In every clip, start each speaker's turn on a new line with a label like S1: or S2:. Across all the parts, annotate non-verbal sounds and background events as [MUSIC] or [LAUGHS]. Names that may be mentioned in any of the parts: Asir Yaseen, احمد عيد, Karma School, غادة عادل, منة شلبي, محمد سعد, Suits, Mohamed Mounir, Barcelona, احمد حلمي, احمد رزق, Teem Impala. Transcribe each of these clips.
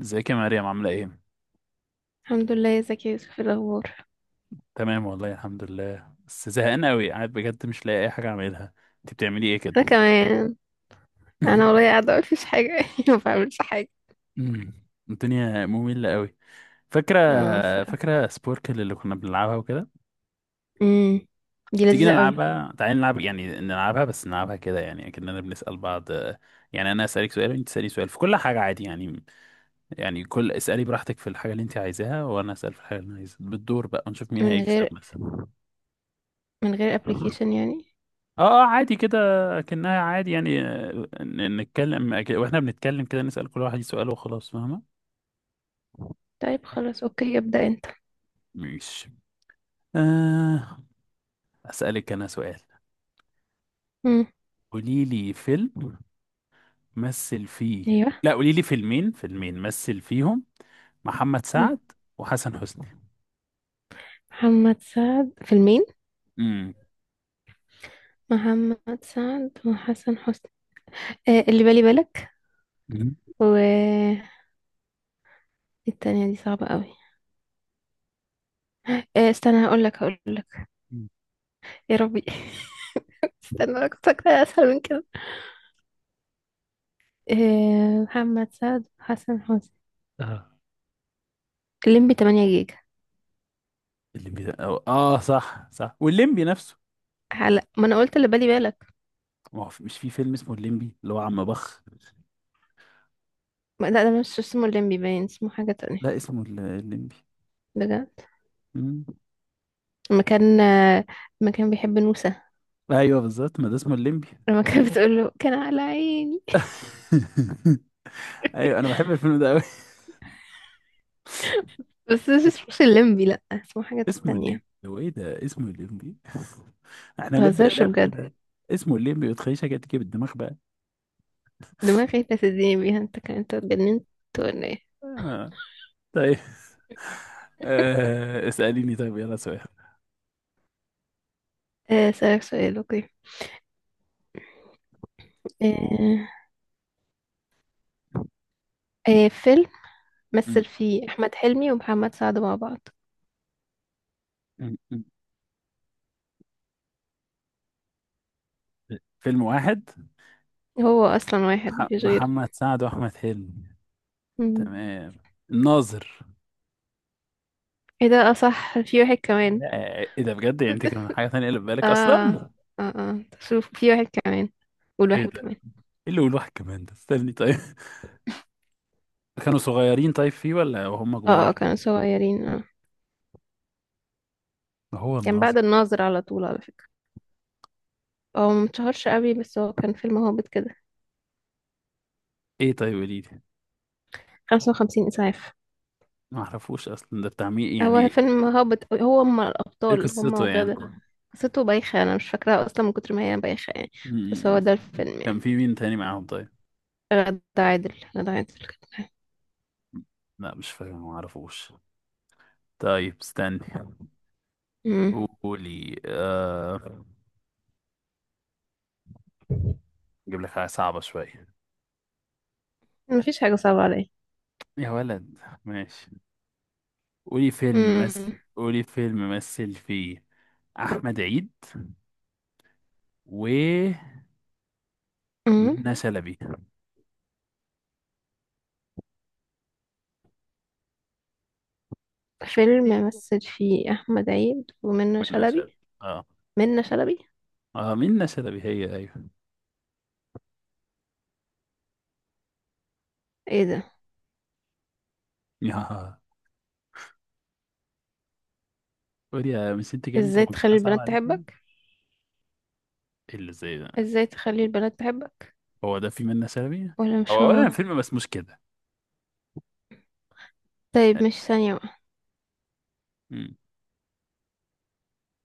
S1: ازيك يا مريم، عاملة ايه؟
S2: الحمد لله يا زكي يوسف، إيه الاخبار؟
S1: تمام والله الحمد لله، بس زهقان قوي قاعد بجد مش لاقي اي حاجة اعملها. انت بتعملي ايه
S2: انا
S1: كده؟
S2: كمان. انا والله
S1: [LAUGHS]
S2: قاعده اقول مفيش حاجه [LAUGHS] ما بعملش حاجه.
S1: أمم، الدنيا مملة قوي. فاكرة
S2: اه الصراحه.
S1: فاكرة سبوركل اللي كنا بنلعبها وكده؟
S2: امم، دي
S1: تيجي
S2: لذيذه قوي.
S1: نلعبها، تعالي نلعب، يعني نلعبها بس نلعبها كده، يعني كأننا بنسأل بعض. يعني انا اسألك سؤال وانت تسألي سؤال في كل حاجة، عادي يعني. يعني كل اسألي براحتك في الحاجة اللي انت عايزاها وانا اسأل في الحاجة اللي انا عايزها بالدور بقى، ونشوف مين
S2: من
S1: هيكسب
S2: غير
S1: مثلا.
S2: من غير ابلكيشن يعني.
S1: اه عادي كده. كأنها عادي يعني، نتكلم، واحنا بنتكلم كده، نسأل كل واحد سؤال وخلاص، فاهمة.
S2: طيب خلاص اوكي، ابدا انت.
S1: ماشي. آه. أسألك أنا سؤال.
S2: امم.
S1: قولي لي فيلم مثل فيه،
S2: ايوه.
S1: لا، قولي لي فيلمين مثل فيهم محمد
S2: مم.
S1: سعد وحسن حسني.
S2: محمد سعد فيلمين.
S1: امم.
S2: محمد سعد وحسن حسني. آه، اللي بالي بالك.
S1: مم.
S2: و إيه؟ التانية دي صعبة قوي. آه استنى، هقول لك. يا ربي. [LAUGHS] استنى، انا كنت فاكرة اسهل من كده. آه، محمد سعد وحسن حسني.
S1: اه،
S2: الليمبي 8 جيجا.
S1: الليمبي ده أو اه صح صح، والليمبي نفسه.
S2: هلا، ما انا قلت اللي بالي بالك.
S1: ما هو مش في فيلم اسمه الليمبي اللي هو عم بخ؟
S2: لا، ده مش اسمه الليمبي، باين اسمه حاجة تانية.
S1: لا اسمه الليمبي.
S2: بجد؟
S1: مم.
S2: لما كان لما كان بيحب نوسة،
S1: ايوه بالظبط، ما ده اسمه الليمبي.
S2: لما كانت بتقول له كان على عيني.
S1: [LAUGHS] ايوه انا
S2: [LAUGHS]
S1: بحب الفيلم ده قوي.
S2: بس ده مش الليمبي، لا اسمه حاجة
S1: اسمه
S2: تانية.
S1: الليمبي، هو ايه ده، اسمه الليمبي. [LAUGHS] احنا هنبدأ
S2: متهزرش
S1: اللعبة
S2: بجد.
S1: كده. اسمه الليمبي وتخيشها كده، تيجي بالدماغ بقى.
S2: دماغي لا تديني بيها، انت كان انت اتجننت ولا ايه؟
S1: آه. طيب. آه. اسأليني طيب، يلا سؤال.
S2: اسألك سؤال اوكي. آه، فيلم
S1: م-
S2: مثل فيه احمد حلمي ومحمد سعد مع بعض.
S1: م- م. فيلم واحد.
S2: هو اصلا واحد، مفيش غيره.
S1: محمد سعد واحمد حلمي.
S2: مم.
S1: تمام. الناظر.
S2: ايه ده؟ اصح في واحد كمان.
S1: آه. ايه ده بجد، يعني انت
S2: [LAUGHS]
S1: كان حاجة تانية اللي في
S2: اه
S1: بالك اصلا؟
S2: اه شوف، في واحد كمان.
S1: ايه ده،
S2: والواحد
S1: ايه
S2: كمان.
S1: اللي يقول واحد كمان ده، استني طيب. [LAUGHS] كانوا صغيرين، طيب فيه ولا وهم
S2: اه
S1: كبار؟
S2: كانوا صغيرين، اه.
S1: هو
S2: كان
S1: الناظر.
S2: بعد الناظر على طول على فكرة. هو متشهرش قوي، بس هو كان فيلم هابط كده.
S1: ايه، طيب وليد.
S2: 55 إسعاف.
S1: ما اعرفوش اصلا، ده بتاع مين؟ يعني
S2: هو
S1: ايه
S2: فيلم هابط أوي. هو هما
S1: إيه
S2: الأبطال هما
S1: قصته يعني؟ [LAUGHS]
S2: وغادة.
S1: م-
S2: قصته بايخة، أنا مش فاكراها أصلا من كتر ما هي بايخة يعني. بس
S1: م-
S2: هو ده
S1: م.
S2: الفيلم
S1: كان
S2: يعني.
S1: في مين تاني معاهم طيب؟
S2: غادة عادل كانت معاه.
S1: لا مش فاكر، ما اعرفوش. طيب استني،
S2: مم.
S1: قولي اجيب لك حاجه صعبه شويه.
S2: مفيش حاجة صعبة عليا.
S1: يا ولد. ماشي.
S2: مم.
S1: قولي فيلم مثل فيه احمد عيد ومنى
S2: مم.
S1: شلبي.
S2: فيلم مثل فيه أحمد عيد ومنة
S1: منى شلبي،
S2: شلبي.
S1: اه.
S2: منة شلبي.
S1: اه منى شلبي هي، ايوه.
S2: ايه ده؟
S1: [LAUGHS] يا، قولي يا، مش انت جامده،
S2: ازاي
S1: مفيش
S2: تخلي
S1: حاجه صعبه
S2: البنات
S1: عليكي؟
S2: تحبك.
S1: إيه اللي زي ده؟
S2: ازاي تخلي البنات تحبك.
S1: هو ده في منا سلبي.
S2: ولا مش
S1: هو اولا
S2: هو.
S1: الفيلم مسموش كده.
S2: طيب مش ثانية بقى.
S1: مم.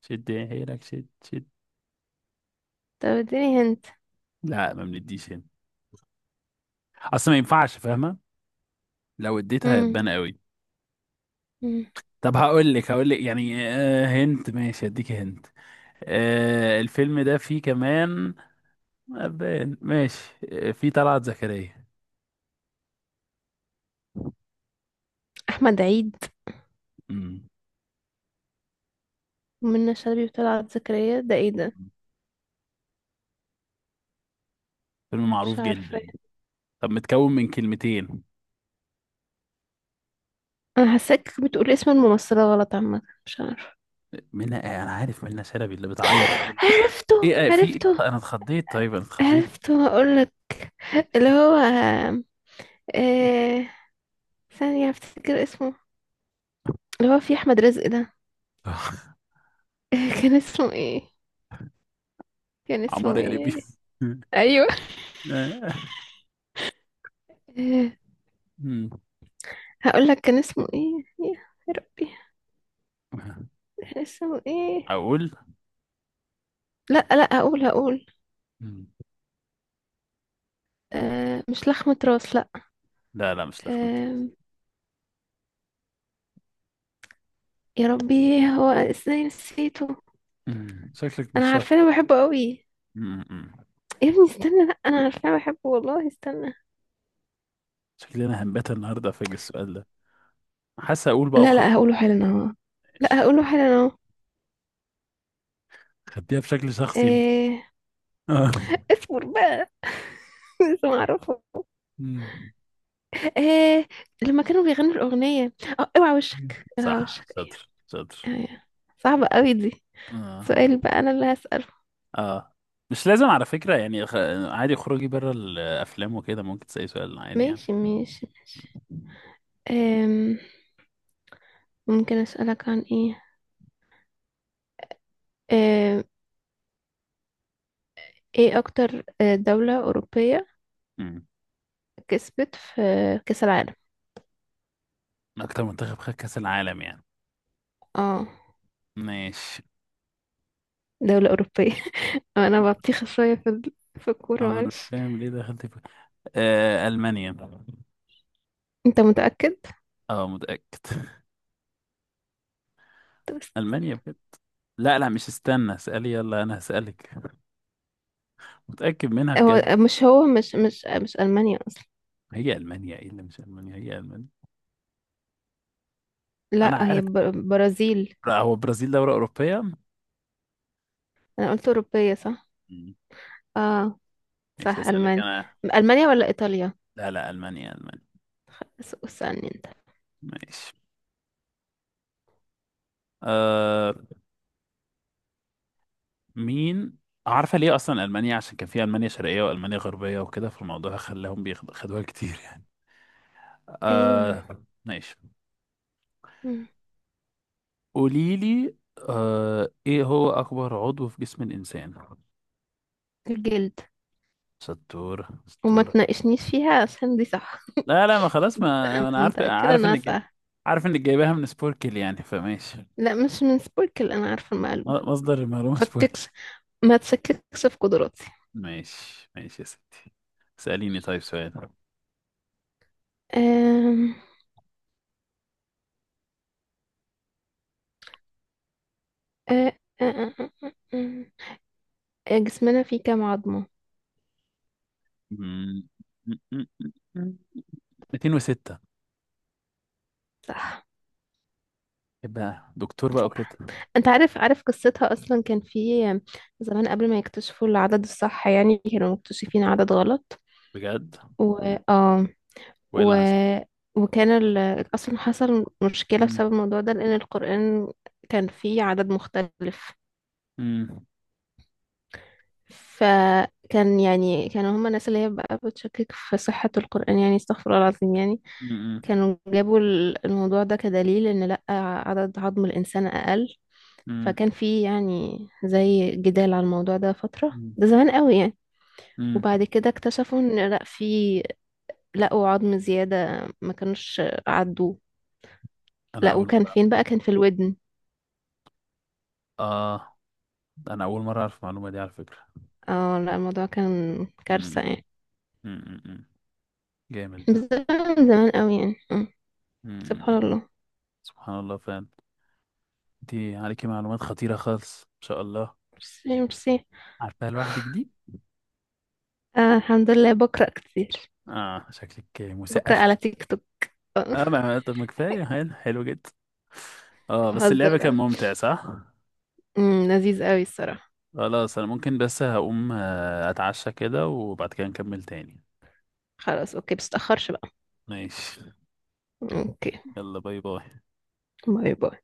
S1: شد حيلك، شد.
S2: طب اديني هنت.
S1: لا ما بنديش هنا، اصل ما ينفعش، فاهمه. لو اديتها
S2: مم.
S1: هتبان قوي.
S2: مم.
S1: طب هقول لك، يعني آه، هنت، ماشي اديك هنت. آه، الفيلم ده فيه كمان أبان، ماشي. آه، فيه طلعت زكريا.
S2: احمد عيد
S1: مم.
S2: ومنى شلبي وطلعت زكريا، ده ايه ده؟
S1: فيلم
S2: مش
S1: معروف
S2: عارفة.
S1: جدا. طب متكون من كلمتين.
S2: انا حاساك بتقول اسم الممثلة غلط، عامة مش عارفة.
S1: منى، آه، انا عارف منى شلبي اللي بتعيط.
S2: عرفته
S1: ايه، آه، في إيه؟
S2: عرفته.
S1: انا اتخضيت، طيب انا اتخضيت.
S2: عرفته، هقولك. اللي هو آه... ثانية افتكر اسمه. اللي هو في احمد رزق ده.
S1: [LAUGHS]
S2: [LAUGHS] كان اسمه ايه؟ كان
S1: عمار
S2: اسمه
S1: يا ليبي.
S2: ايه؟ ايوه.
S1: [LAUGHS] آه.
S2: [LAUGHS]
S1: مم.
S2: هقول لك كان اسمه ايه. يا يا ربي. كان اسمه ايه؟
S1: اقول.
S2: لا لا، هقول.
S1: مم.
S2: آه، مش لخمة راس، لا.
S1: لا لا، مش لخمت.
S2: آه، يا ربي، هو ازاي نسيته؟
S1: مم. شكلك مش
S2: انا
S1: شاطر.
S2: عارفة انا بحبه قوي.
S1: مم. مم.
S2: يا ابني استنى، لا انا عارفة انا بحبه والله، استنى.
S1: شكلي انا هنبات النهارده فاجئ السؤال ده. حاسس اقول بقى
S2: لا لا،
S1: وخلاص.
S2: هقوله حالا اهو.
S1: ماشي.
S2: لا هقوله حالا اهو.
S1: خديها بشكل شخصي انت.
S2: آه.
S1: آه.
S2: اصبر بقى [LAUGHS] لسه معرفه.
S1: مم.
S2: آه، لما كانوا بيغنوا الأغنية. اه، اوعى وشك، اوعى
S1: صح،
S2: وشك ايه.
S1: شاطر شاطر.
S2: ايه. صعبة قوي دي.
S1: اه.
S2: سؤال بقى انا اللي هسأل.
S1: اه مش لازم على فكرة، يعني عادي، خروجي بره الافلام وكده، ممكن تسألي سؤال عادي يعني.
S2: ماشي ماشي ماشي. أم، ممكن أسألك عن إيه. أم، إيه أكتر دولة أوروبية
S1: مم.
S2: كسبت في كأس العالم؟
S1: اكتر منتخب خد كأس العالم يعني.
S2: اه،
S1: ماشي.
S2: دولة أوروبية. [LAUGHS] أنا بطيخة شوية في الكورة،
S1: ما انا مش
S2: معلش.
S1: فاهم ليه دخلت. آه، ألمانيا.
S2: أنت متأكد؟
S1: اه متأكد. [LAUGHS] ألمانيا بجد. لا لا مش، استنى اسألي، يلا أنا هسألك. متأكد منها
S2: هو
S1: بجد.
S2: مش ألمانيا أصلا.
S1: هي ألمانيا، ايه اللي مش ألمانيا، هي ألمانيا.
S2: لا،
S1: أنا
S2: هي
S1: عارف.
S2: برازيل.
S1: لا، هو برازيل دولة أوروبية؟
S2: أنا قلت أوروبية، صح؟
S1: مم.
S2: اه.
S1: ماشي
S2: صح
S1: هسألك
S2: ألمانيا.
S1: أنا.
S2: ألمانيا ولا إيطاليا؟
S1: لا لا، ألمانيا ألمانيا.
S2: بس اسألني أنت.
S1: ماشي. آه. مين. عارفة ليه أصلا ألمانيا؟ عشان كان في ألمانيا شرقية وألمانيا غربية وكده، فالموضوع خلاهم بياخدوها كتير يعني.
S2: أيوه.
S1: آه ماشي.
S2: مم.
S1: قوليلي. آه، إيه هو أكبر عضو في جسم الإنسان؟
S2: الجلد.
S1: ستورة
S2: وما
S1: ستورة.
S2: تناقشنيش فيها عشان دي صح.
S1: لا لا ما خلاص، ما
S2: أنا
S1: انا عارف،
S2: متأكدة إنها سهلة.
S1: عارف انك جايباها من سبوركل يعني، فماشي.
S2: لا مش من سبوركل، أنا عارفة المعلومة.
S1: مصدر المعلومة سبوركل.
S2: فككش، ما تشككش في قدراتي.
S1: ماشي ماشي يا ستي. سأليني طيب سؤال.
S2: أم... أه... أه... أه... أه... أه... أه، جسمنا فيه كام عظمة؟
S1: مم. 206.
S2: صح.
S1: يبقى دكتور بقى وكده.
S2: صح. أنت عارف، عارف قصتها أصلا؟ كان في زمان قبل ما يكتشفوا العدد الصح يعني، كانوا مكتشفين عدد غلط.
S1: بجد،
S2: و اه.
S1: وايه
S2: و...
S1: اللي حصل؟
S2: وكان ال... أصلا حصل مشكلة
S1: مم.
S2: بسبب الموضوع ده لأن القرآن كان فيه عدد مختلف.
S1: مم.
S2: فكان يعني كانوا هما الناس اللي هي بقى بتشكك في صحة القرآن يعني، استغفر الله العظيم يعني.
S1: مم.
S2: كانوا جابوا الموضوع ده كدليل ان لأ، عدد عظم الإنسان أقل.
S1: مم.
S2: فكان في يعني زي جدال على الموضوع ده فترة،
S1: مم.
S2: ده زمان قوي يعني.
S1: مم.
S2: وبعد كده اكتشفوا ان لأ، في، لقوا عظم زيادة ما كانوش عدوه.
S1: انا
S2: لأ،
S1: اول
S2: وكان
S1: مرة
S2: فين
S1: أعرف.
S2: بقى؟ كان في الودن.
S1: اه. انا اول مرة اعرف المعلومة دي على فكرة.
S2: اه. لأ الموضوع كان
S1: مم.
S2: كارثة يعني.
S1: مم. مم. جامد
S2: بس
S1: ده.
S2: زمان قوي يعني. آه.
S1: مم.
S2: سبحان الله.
S1: سبحان الله فعلا. انت عليكي معلومات خطيرة خالص، ما شاء الله.
S2: ميرسي ميرسي.
S1: عارفاها لوحدك دي؟
S2: آه، الحمد لله، بقرأ كتير.
S1: اه شكلك
S2: بقرأ
S1: مثقفة.
S2: على تيك توك.
S1: اه،
S2: [LAUGHS]
S1: ما طب ما كفاية، حلو حلو جدا. اه بس اللعبة كان
S2: بهزر.
S1: ممتع، صح؟
S2: أمم، لذيذ قوي الصراحة.
S1: خلاص انا ممكن بس هقوم، اتعشى كده، وبعد كده نكمل تاني.
S2: خلاص اوكي، بس تأخرش بقى.
S1: ماشي.
S2: اوكي.
S1: يلا باي باي.
S2: باي باي.